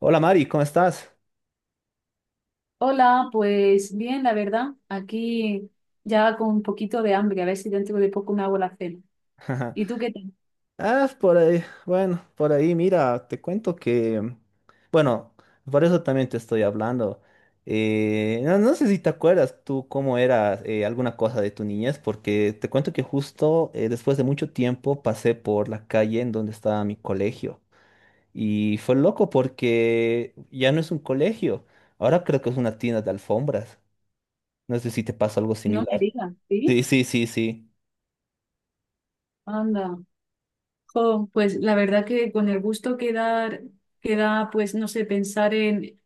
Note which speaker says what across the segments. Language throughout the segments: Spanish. Speaker 1: Hola Mari, ¿cómo estás?
Speaker 2: Hola, pues bien, la verdad, aquí ya con un poquito de hambre, a ver si dentro de poco me hago la cena. ¿Y tú qué tal?
Speaker 1: Ah, por ahí, bueno, por ahí, mira, te cuento que, bueno, por eso también te estoy hablando. No sé si te acuerdas tú cómo era alguna cosa de tu niñez, porque te cuento que justo después de mucho tiempo pasé por la calle en donde estaba mi colegio y fue loco porque ya no es un colegio, ahora creo que es una tienda de alfombras. No sé si te pasa algo
Speaker 2: No me
Speaker 1: similar.
Speaker 2: digas,
Speaker 1: Sí,
Speaker 2: ¿sí?
Speaker 1: sí, sí, sí.
Speaker 2: Anda. Jo, pues la verdad que con el gusto que da, pues no sé, pensar en,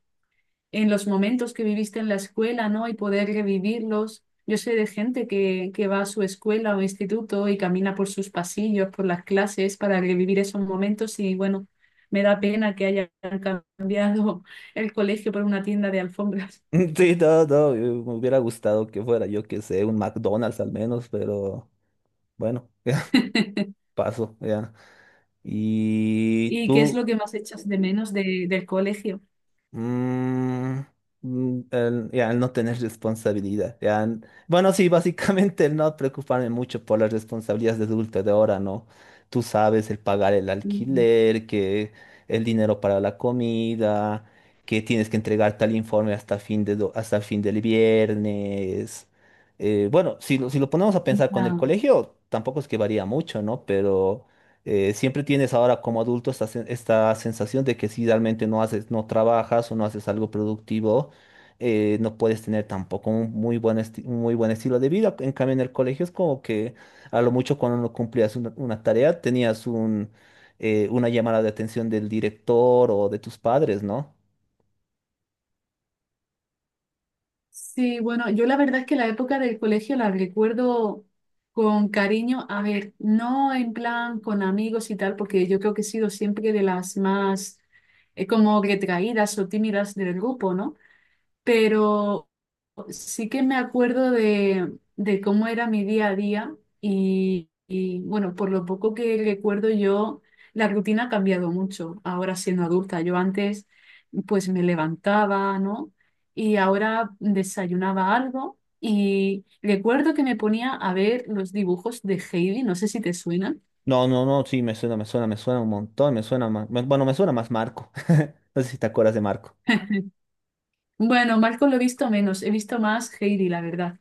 Speaker 2: en los momentos que viviste en la escuela, ¿no? Y poder revivirlos. Yo sé de gente que va a su escuela o instituto y camina por sus pasillos, por las clases, para revivir esos momentos y bueno, me da pena que hayan cambiado el colegio por una tienda de alfombras.
Speaker 1: Sí, no, no, me hubiera gustado que fuera, yo que sé, un McDonald's al menos, pero bueno, paso, ya. ¿Y
Speaker 2: ¿Y qué es lo
Speaker 1: tú?
Speaker 2: que más echas de menos del colegio?
Speaker 1: Mm, mm, el no tener responsabilidad. Bueno, sí, básicamente el no preocuparme mucho por las responsabilidades de adulto de ahora, ¿no? Tú sabes, el pagar el
Speaker 2: Ujú.
Speaker 1: alquiler, que el dinero para la comida, que tienes que entregar tal informe hasta hasta fin del viernes. Bueno, si lo ponemos a pensar con el
Speaker 2: Ah,
Speaker 1: colegio, tampoco es que varía mucho, ¿no? Pero siempre tienes ahora como adulto esta sensación de que si realmente no haces, no trabajas o no haces algo productivo, no puedes tener tampoco un muy un muy buen estilo de vida. En cambio, en el colegio es como que a lo mucho cuando no cumplías una tarea, tenías una llamada de atención del director o de tus padres, ¿no?
Speaker 2: sí, bueno, yo la verdad es que la época del colegio la recuerdo con cariño, a ver, no en plan con amigos y tal, porque yo creo que he sido siempre de las más como retraídas o tímidas del grupo, ¿no? Pero sí que me acuerdo de cómo era mi día a día y, bueno, por lo poco que recuerdo yo, la rutina ha cambiado mucho ahora siendo adulta. Yo antes pues me levantaba, ¿no? Y ahora desayunaba algo y recuerdo que me ponía a ver los dibujos de Heidi, no sé si te suenan.
Speaker 1: No, no, no, sí, me suena, me suena, me suena un montón, me suena más, bueno, me suena más Marco. No sé si te acuerdas de Marco.
Speaker 2: Bueno, Marco lo he visto menos, he visto más Heidi, la verdad.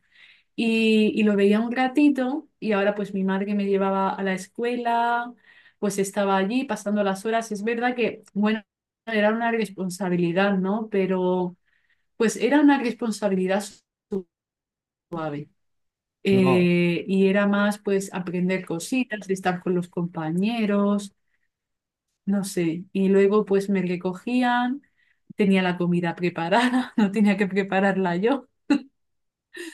Speaker 2: Y, y lo veía un ratito y ahora pues mi madre me llevaba a la escuela, pues estaba allí pasando las horas. Es verdad que, bueno, era una responsabilidad, ¿no? Pero pues era una responsabilidad suave.
Speaker 1: No,
Speaker 2: Y era más pues aprender cositas, de estar con los compañeros, no sé. Y luego pues me recogían, tenía la comida preparada, no tenía que prepararla yo.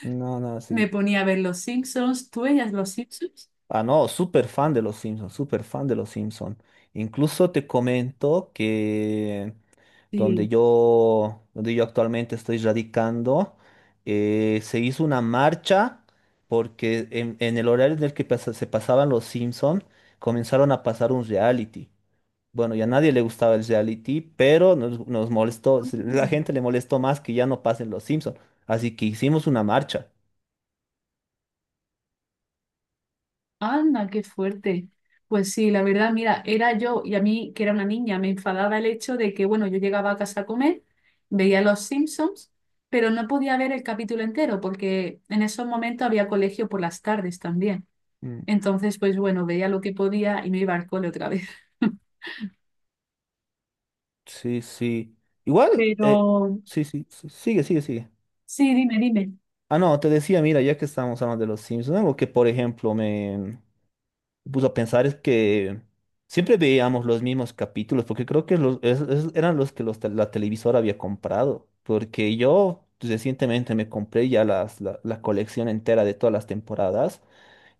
Speaker 1: no, no,
Speaker 2: Me
Speaker 1: sí.
Speaker 2: ponía a ver los Simpsons. ¿Tú veías los Simpsons?
Speaker 1: Ah, no, súper fan de los Simpsons, súper fan de los Simpsons. Incluso te comento que
Speaker 2: Sí.
Speaker 1: donde yo actualmente estoy radicando, se hizo una marcha porque en el horario en el que se pasaban los Simpsons, comenzaron a pasar un reality. Bueno, ya a nadie le gustaba el reality, pero nos molestó, la gente le molestó más que ya no pasen los Simpsons. Así que hicimos una marcha.
Speaker 2: Anda, qué fuerte. Pues sí, la verdad, mira, era yo y a mí, que era una niña, me enfadaba el hecho de que, bueno, yo llegaba a casa a comer, veía Los Simpsons, pero no podía ver el capítulo entero porque en esos momentos había colegio por las tardes también. Entonces, pues bueno, veía lo que podía y me iba al cole otra vez.
Speaker 1: Sí, sí. Igual,
Speaker 2: Pero
Speaker 1: sí, sí, sí, sigue, sigue, sigue.
Speaker 2: sí, dime.
Speaker 1: Ah, no, te decía, mira, ya que estamos hablando de los Simpsons, algo que, por ejemplo, me puso a pensar es que siempre veíamos los mismos capítulos, porque creo que eran los que la televisora había comprado, porque yo recientemente me compré ya la colección entera de todas las temporadas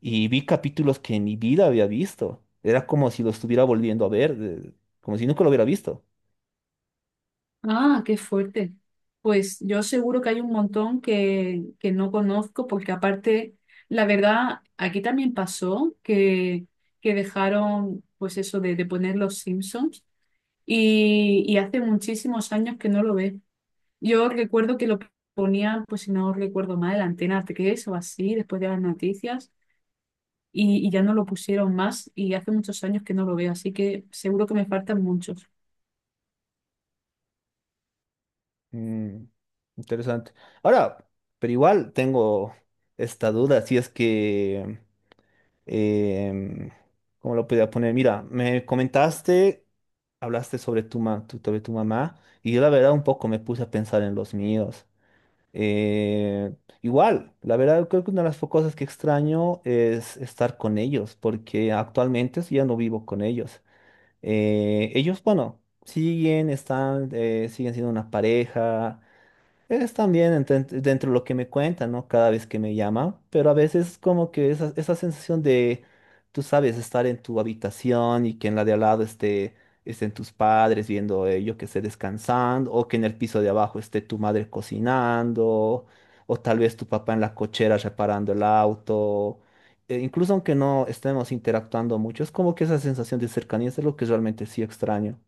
Speaker 1: y vi capítulos que en mi vida había visto. Era como si lo estuviera volviendo a ver, como si nunca lo hubiera visto.
Speaker 2: Ah, qué fuerte. Pues yo seguro que hay un montón que no conozco, porque aparte, la verdad, aquí también pasó que dejaron, pues eso de poner los Simpsons y hace muchísimos años que no lo ve. Yo recuerdo que lo ponían, pues si no recuerdo mal, en Antena 3 o así, después de las noticias, y ya no lo pusieron más y hace muchos años que no lo veo, así que seguro que me faltan muchos.
Speaker 1: Mm, interesante. Ahora, pero igual tengo esta duda, si es que, em, ¿cómo lo podía poner? Mira, me comentaste, hablaste sobre sobre tu mamá y yo la verdad un poco me puse a pensar en los míos. Eh, Igual, la verdad creo que una de las cosas que extraño es estar con ellos, porque actualmente sí ya no vivo con ellos. Ellos, bueno, siguen, están, siguen siendo una pareja es también dentro de lo que me cuenta, ¿no? Cada vez que me llama, pero a veces como que esa sensación de, tú sabes, estar en tu habitación y que en la de al lado estén tus padres viendo, yo que sé, descansando, o que en el piso de abajo esté tu madre cocinando, o tal vez tu papá en la cochera reparando el auto. Incluso aunque no estemos interactuando mucho, es como que esa sensación de cercanía es lo que realmente sí extraño.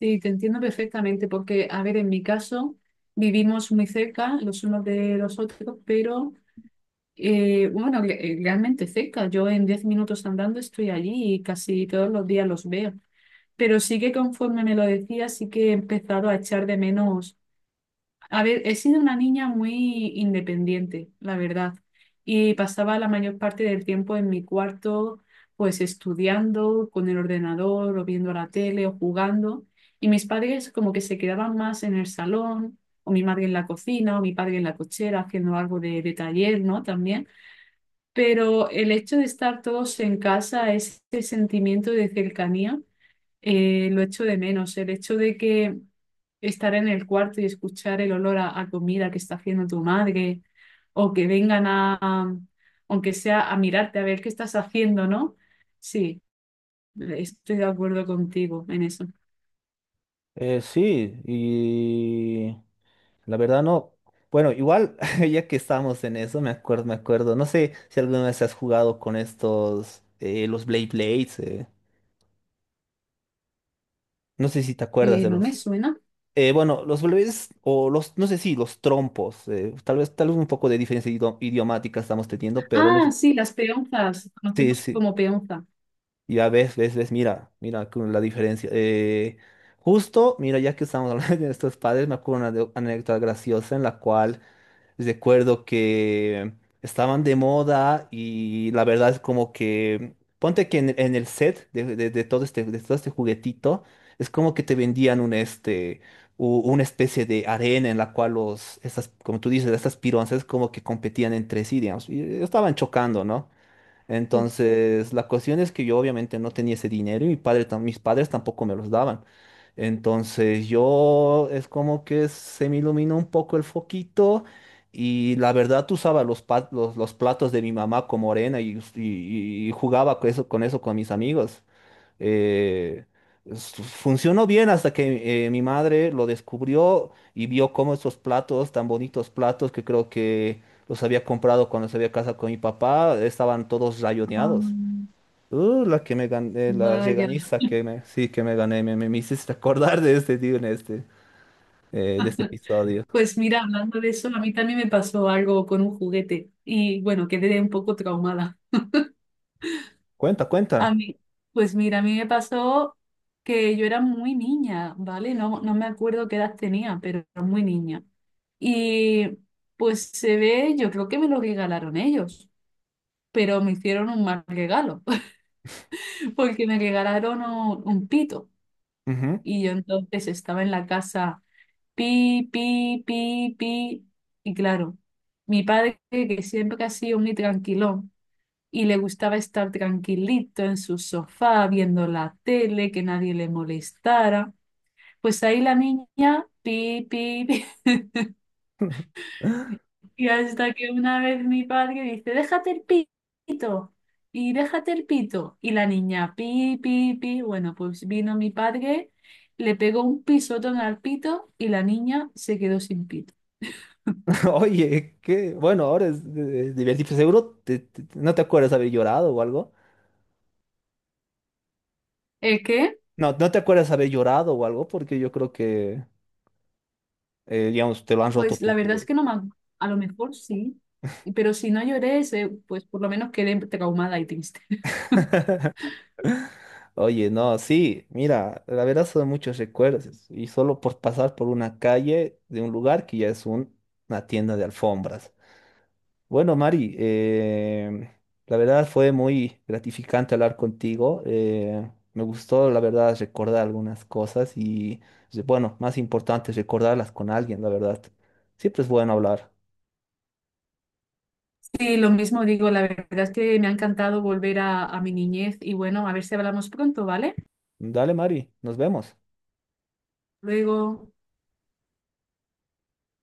Speaker 2: Sí, te entiendo perfectamente porque, a ver, en mi caso vivimos muy cerca los unos de los otros, pero realmente cerca. Yo en 10 minutos andando estoy allí y casi todos los días los veo. Pero sí que conforme me lo decía, sí que he empezado a echar de menos, a ver, he sido una niña muy independiente, la verdad, y pasaba la mayor parte del tiempo en mi cuarto, pues estudiando con el ordenador o viendo la tele o jugando, y mis padres como que se quedaban más en el salón, o mi madre en la cocina, o mi padre en la cochera haciendo algo de taller, ¿no? También, pero el hecho de estar todos en casa, ese sentimiento de cercanía lo echo de menos. El hecho de que estar en el cuarto y escuchar el olor a comida que está haciendo tu madre, o que vengan aunque sea a mirarte, a ver qué estás haciendo, ¿no? Sí, estoy de acuerdo contigo en eso.
Speaker 1: Sí, y la verdad no. Bueno, igual, ya que estamos en eso, me acuerdo, me acuerdo. No sé si alguna vez has jugado con estos, los Blade Blades. No sé si te acuerdas de
Speaker 2: No me
Speaker 1: los.
Speaker 2: suena.
Speaker 1: Bueno, los Blades o los, no sé si los trompos. Tal vez un poco de diferencia idiomática estamos teniendo, pero no,
Speaker 2: Ah, sí, las peonzas,
Speaker 1: sí,
Speaker 2: conocemos
Speaker 1: sí.
Speaker 2: como peonza.
Speaker 1: Ya ves, ves, ves, mira, mira con la diferencia. Justo, mira, ya que estamos hablando de estos padres, me acuerdo una anécdota graciosa en la cual recuerdo que estaban de moda y la verdad es como que, ponte que en el set de todo este juguetito, es como que te vendían un este, una especie de arena en la cual los, estas, como tú dices, estas pironzas como que competían entre sí, digamos, y estaban chocando, ¿no? Entonces, la cuestión es que yo obviamente no tenía ese dinero y mi padre, mis padres tampoco me los daban. Entonces, yo es como que se me iluminó un poco el foquito y la verdad usaba los platos de mi mamá como arena y, y jugaba con eso, con eso con mis amigos, eh, funcionó bien hasta que mi madre lo descubrió y vio cómo estos platos, tan bonitos platos que creo que los había comprado cuando se había casado con mi papá, estaban todos
Speaker 2: Ah,
Speaker 1: rayoneados. La que me gané, la
Speaker 2: vaya.
Speaker 1: regañiza que me, sí, que me gané, me hiciste acordar de este tío en este, de este episodio.
Speaker 2: Pues mira, hablando de eso, a mí también me pasó algo con un juguete y bueno, quedé un poco traumada.
Speaker 1: Cuenta,
Speaker 2: A
Speaker 1: cuenta.
Speaker 2: mí, pues mira, a mí me pasó que yo era muy niña, ¿vale? No, no me acuerdo qué edad tenía, pero era muy niña. Y pues se ve, yo creo que me lo regalaron ellos, pero me hicieron un mal regalo, porque me regalaron un pito.
Speaker 1: Ujú.
Speaker 2: Y yo entonces estaba en la casa, pi, pi, pi, pi. Y claro, mi padre, que siempre que ha sido muy tranquilón, y le gustaba estar tranquilito en su sofá viendo la tele, que nadie le molestara. Pues ahí la niña, pi, pi, pi, y hasta que una vez mi padre dice, déjate el pito, y déjate el pito, y la niña, pi, pi, pi, bueno, pues vino mi padre, le pegó un pisotón al pito y la niña se quedó sin pito.
Speaker 1: Oye, qué bueno, ahora es divertido. Seguro no te acuerdas haber llorado o algo.
Speaker 2: ¿Es que?
Speaker 1: No, no te acuerdas haber llorado o algo, porque yo creo que, digamos, te lo han roto
Speaker 2: Pues
Speaker 1: tu
Speaker 2: la verdad es
Speaker 1: juguete.
Speaker 2: que no me, ac- a lo mejor sí, pero si no lloré, se- pues por lo menos quedé traumada y triste.
Speaker 1: Oye, no, sí, mira, la verdad son muchos recuerdos. Y solo por pasar por una calle de un lugar que ya es un, una tienda de alfombras. Bueno, Mari, la verdad fue muy gratificante hablar contigo. Me gustó, la verdad, recordar algunas cosas y, pues, bueno, más importante, recordarlas con alguien, la verdad. Siempre es bueno hablar.
Speaker 2: Sí, lo mismo digo, la verdad es que me ha encantado volver a mi niñez y bueno, a ver si hablamos pronto, ¿vale?
Speaker 1: Dale, Mari, nos vemos.
Speaker 2: Luego.